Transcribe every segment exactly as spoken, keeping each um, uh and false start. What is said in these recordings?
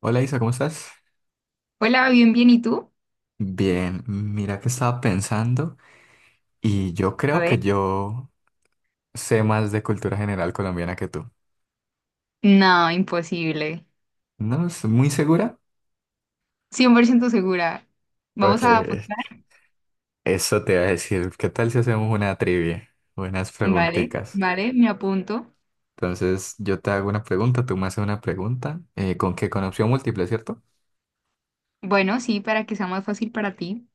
Hola Isa, ¿cómo estás? Hola, bien, bien, ¿y tú? Bien, mira que estaba pensando y yo A creo que ver, yo sé más de cultura general colombiana que tú. no, imposible. ¿No es muy segura? Cien por ciento segura. Ok. Vamos a apostar. Eso te iba a decir, ¿qué tal si hacemos una trivia? Buenas Vale, preguntitas. vale, me apunto. Entonces yo te hago una pregunta, tú me haces una pregunta, eh, con que con opción múltiple, ¿cierto? Bueno, sí, para que sea más fácil para ti.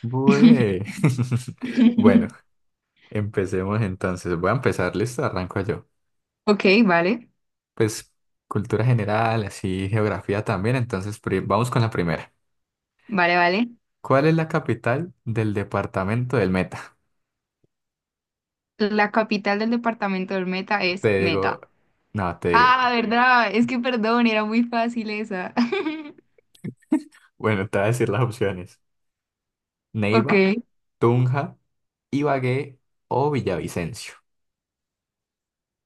Bue. Bueno, empecemos entonces. Voy a empezar, listo, arranco yo. Ok, vale, Pues cultura general, así geografía también, entonces pri- vamos con la primera. vale, vale. ¿Cuál es la capital del departamento del Meta? La capital del departamento del Meta Te es digo, Meta. no, te digo, Ah, ¿verdad? Es que perdón, era muy fácil esa. bueno, te voy a decir las opciones. Neiva, Ok. Tunja, Ibagué o Villavicencio.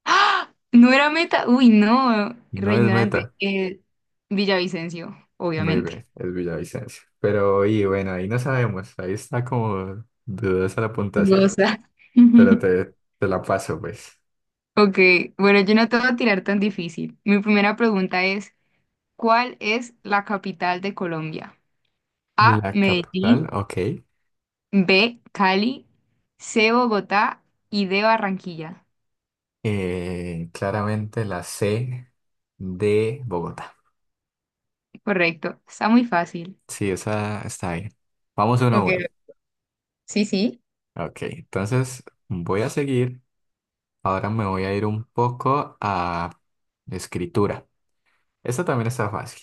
¡Ah! No era Meta. Uy, no, No re es ignorante. Meta. Eh, Villavicencio, Muy obviamente. bien, es Villavicencio. Pero, y bueno, ahí no sabemos, ahí está como dudosa la puntuación, Hermosa. pero te, te la paso, pues. Ok, bueno, yo no te voy a tirar tan difícil. Mi primera pregunta es, ¿cuál es la capital de Colombia? A, La capital, Medellín, ok. B, Cali, C, Bogotá y D, Barranquilla. Eh, claramente la C de Bogotá. Correcto, está muy fácil. Sí, esa está bien. Vamos uno a Ok, uno. sí, sí. Ok, entonces voy a seguir. Ahora me voy a ir un poco a escritura. Esta también está fácil.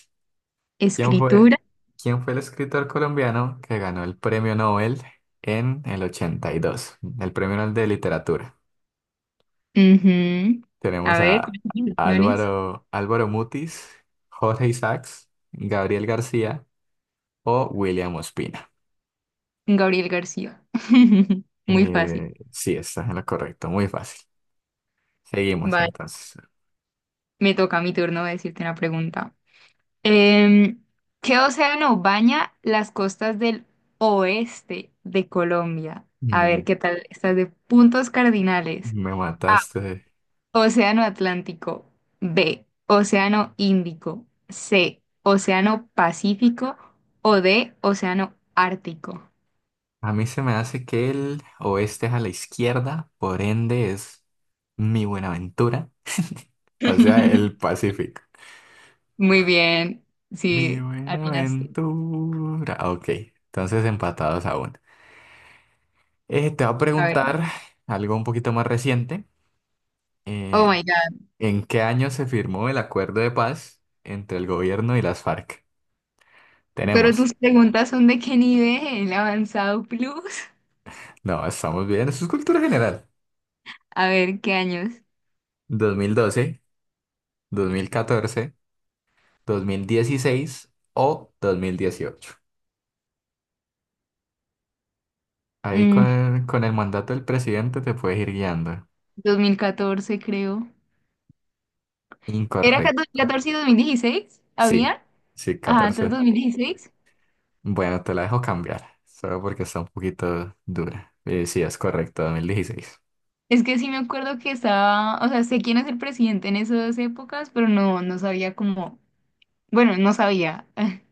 ¿Quién fue, Escritura. quién fue el escritor colombiano que ganó el premio Nobel en el ochenta y dos? El premio Nobel de literatura. Ujú. A Tenemos ver, a ¿cuáles son las opciones? Álvaro, Álvaro Mutis, Jorge Isaacs, Gabriel García o William Ospina. Gabriel García. Muy fácil. Eh, sí, estás en lo correcto, muy fácil. Seguimos Vale, entonces. me toca mi turno de decirte una pregunta. Em, ¿Qué océano baña las costas del oeste de Colombia? A Me, ver, ¿qué tal? Estás de puntos cardinales. me A, mataste. Océano Atlántico. B, Océano Índico. C, Océano Pacífico. O D, Océano Ártico. A mí se me hace que el oeste es a la izquierda, por ende es mi Buenaventura. O sea, el Pacífico. Muy bien, Mi sí, atinaste. Buenaventura. Ok, entonces empatados aún. Eh, te voy a A ver, preguntar algo un poquito más reciente. oh Eh, my God. ¿en qué año se firmó el acuerdo de paz entre el gobierno y las F A R C? Pero Tenemos. tus preguntas son de qué nivel, avanzado plus. No, estamos bien. Eso es cultura general. A ver, ¿qué años? Dos dos mil mil doce, dos mil catorce, dos mil dieciséis o dos mil dieciocho. Ahí con Mm, el, con el mandato del presidente te puedes ir guiando. Dos mil catorce creo. ¿Era ca- Incorrecto. dos mil catorce y dos mil dieciséis? Sí, ¿Había? sí, Ah, entonces dos catorce. mil dieciséis Bueno, te la dejo cambiar, solo porque está un poquito dura. Eh, sí, es correcto, dos mil dieciséis. Es que sí me acuerdo que estaba, o sea, sé quién es el presidente en esas épocas, pero no, no sabía cómo. Bueno, no sabía.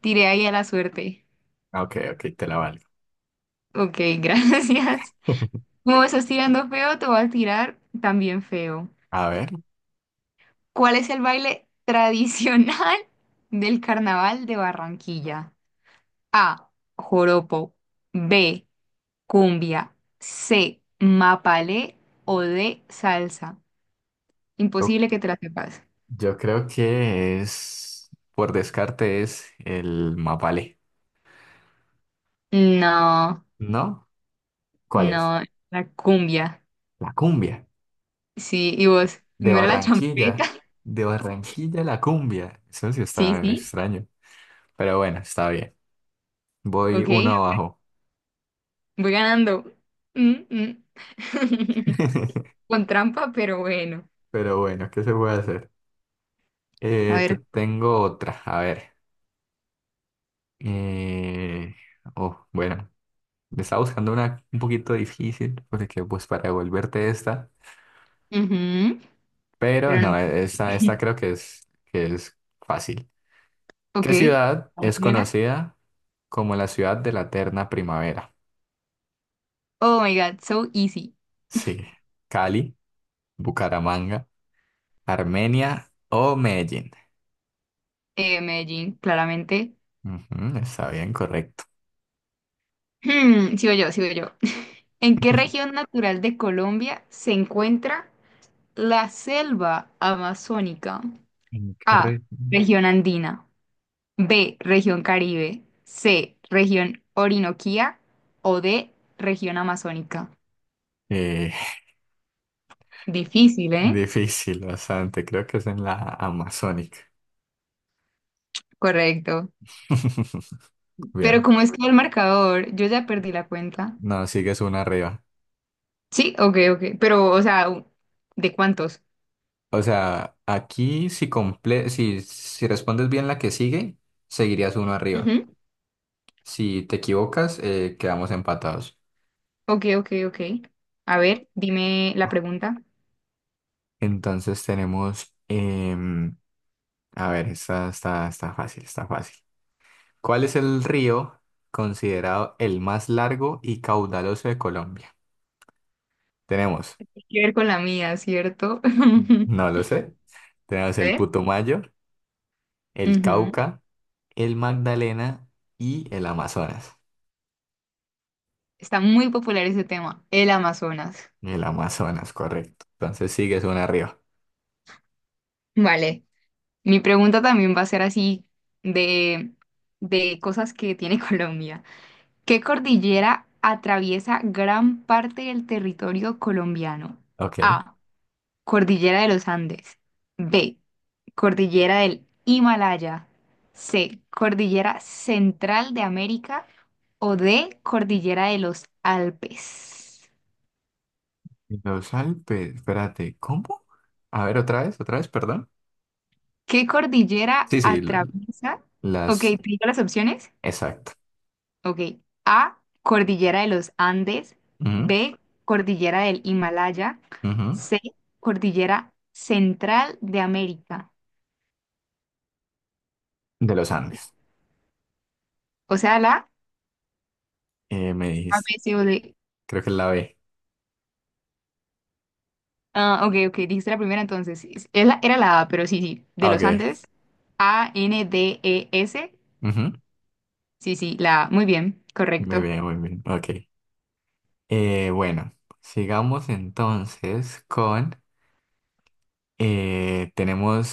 Tiré ahí a la suerte. Ok, ok, te la valgo. Ok, gracias. Como estás tirando feo, te voy a tirar también feo. A ver, ¿Cuál es el baile tradicional del carnaval de Barranquilla? A, Joropo. B, Cumbia. C, Mapalé. O D, Salsa. yo, Imposible que te la sepas. yo creo que es, por descarte, es el mapale. No, ¿No? ¿Cuál es? no, la cumbia. La cumbia. Sí, y vos, De no era la champeta. Barranquilla, de Barranquilla a la cumbia. Eso sí Sí, está sí, extraño. Pero bueno, está bien. Voy ok, uno abajo. voy ganando. Mm, mm. Con trampa, pero bueno. Pero bueno, ¿qué se puede hacer? A Eh, te ver, tengo otra. A ver. Eh, Oh, bueno. Me estaba buscando una un poquito difícil porque pues para devolverte esta. ujú, Pero pero no. no, e- esta, esta creo que es, que es fácil. Ok, ¿Qué ciudad a ver, es dímela. conocida como la ciudad de la eterna primavera? Oh my God, so easy. Sí. Cali, Bucaramanga. Armenia o Medellín. Eh, Medellín, claramente. Ujú, está bien, correcto. Hmm, sigo yo, sigo yo. ¿En qué región natural de Colombia se encuentra la selva amazónica? ¿En qué A, región? Región andina. B, Región Caribe. C, Región Orinoquía. O D, Región amazónica. Eh, Difícil, ¿eh? difícil, bastante. Creo que es en la Amazónica. Correcto. Pero Bien. ¿cómo es que el marcador? Yo ya perdí la cuenta. No, sigues una arriba. Sí, ok, ok. Pero, o sea, ¿de cuántos? O sea, aquí si, comple si, si respondes bien la que sigue, seguirías uno arriba. Ujú. Si te equivocas, eh, quedamos empatados. Ok, ok, ok. A ver, dime la pregunta. Entonces tenemos, em, a ver, está, está, está fácil, está fácil. ¿Cuál es el río considerado el más largo y caudaloso de Colombia? Tenemos, Tiene que ver con la mía, ¿cierto? no lo sé, tenemos A el ver. Putumayo, el Ujú. Cauca, el Magdalena y el Amazonas. Está muy popular ese tema, el Amazonas. El Amazonas, correcto. Entonces sigues una arriba. Vale, mi pregunta también va a ser así de, de cosas que tiene Colombia. ¿Qué cordillera atraviesa gran parte del territorio colombiano? Ok. A, Cordillera de los Andes. B, Cordillera del Himalaya. C, Cordillera Central de América. O D, Cordillera de los Alpes. Y los Alpes, espérate, ¿cómo? A ver, otra vez, otra vez, perdón. ¿Qué cordillera Sí, sí, lo- atraviesa? Ok, las, ¿te digo las opciones? exacto. Ok. A, cordillera de los Andes. Ujú, B, cordillera del Himalaya. ujú. C, cordillera central de América. De los Andes, O sea, la eh, me A, dijiste. B, C o D. Creo que es la B. Ah, ok, ok, dijiste la primera entonces. Es- es la- Era la A, pero sí, sí, de Ah, los ok. Andes. A N D E S. Ujú. Sí, sí, la A. Muy bien, Muy correcto. bien, muy bien. Ok. Eh, bueno, sigamos entonces con, eh,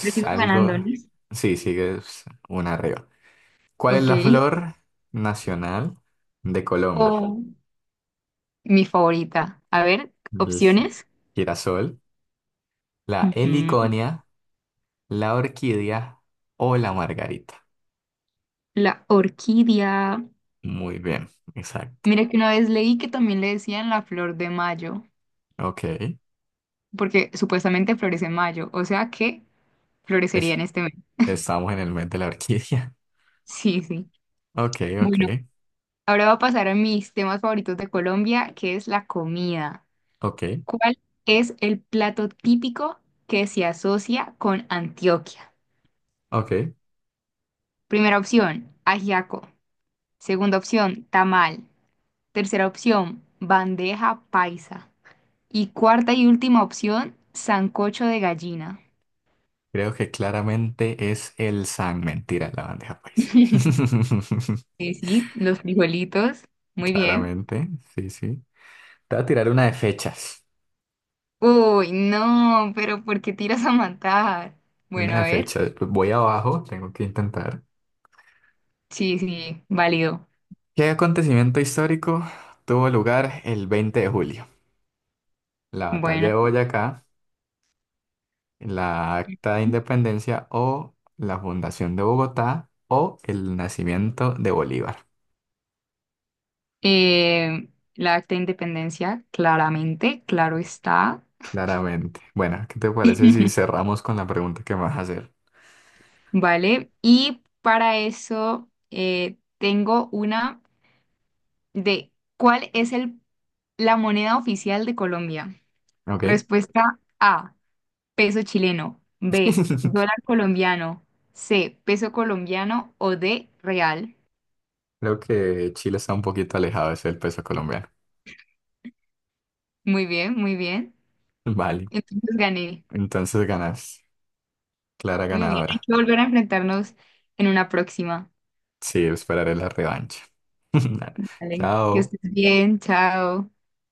Pero sigo ganando, ¿no? algo. Sí, sigue una arriba. ¿Cuál es Ok. la flor nacional de Colombia? O mi favorita. A ver, ¿El opciones. girasol, la Ujú. heliconia, la orquídea o la margarita? La orquídea. Muy bien, exacto. Mira que una vez leí que también le decían la flor de mayo, Ok. porque supuestamente florece en mayo, o sea que florecería Es- en este mes. estamos en el mes de la orquídea. Sí, sí. Ok, ok, Bueno, ahora va a pasar a mis temas favoritos de Colombia, que es la comida. ok, ¿Cuál es el plato típico que se asocia con Antioquia? ok. Primera opción, ajiaco. Segunda opción, tamal. Tercera opción, bandeja paisa. Y cuarta y última opción, sancocho de gallina. Creo que claramente es el San. Mentira, la bandeja paisa. Sí, sí, los frijolitos. Muy bien. Claramente, sí, sí. Te voy a tirar una de fechas. Uy, no, pero ¿por qué tiras a matar? Una Bueno, de a ver. fechas. Voy abajo, tengo que intentar. Sí, sí, válido. ¿Qué acontecimiento histórico tuvo lugar el veinte de julio? ¿La batalla Bueno. de Boyacá, la Acta de Independencia o la fundación de Bogotá o el nacimiento de Bolívar? Eh, la acta de independencia, claramente, claro está. Claramente. Bueno, ¿qué te parece si cerramos con la pregunta que me vas a hacer? Vale. Y para eso eh, tengo una de ¿cuál es el, la moneda oficial de Colombia? ¿Ok? Respuesta A, peso chileno. B, dólar colombiano. C, peso colombiano. O D, real. Creo que Chile está un poquito alejado de ser el peso colombiano. Muy bien, muy bien. Vale, Entonces gané. entonces ganas. Clara Muy bien, hay ganadora. que volver a enfrentarnos en una próxima. Sí, esperaré la revancha. Vale. Que Chao. estés bien, chao.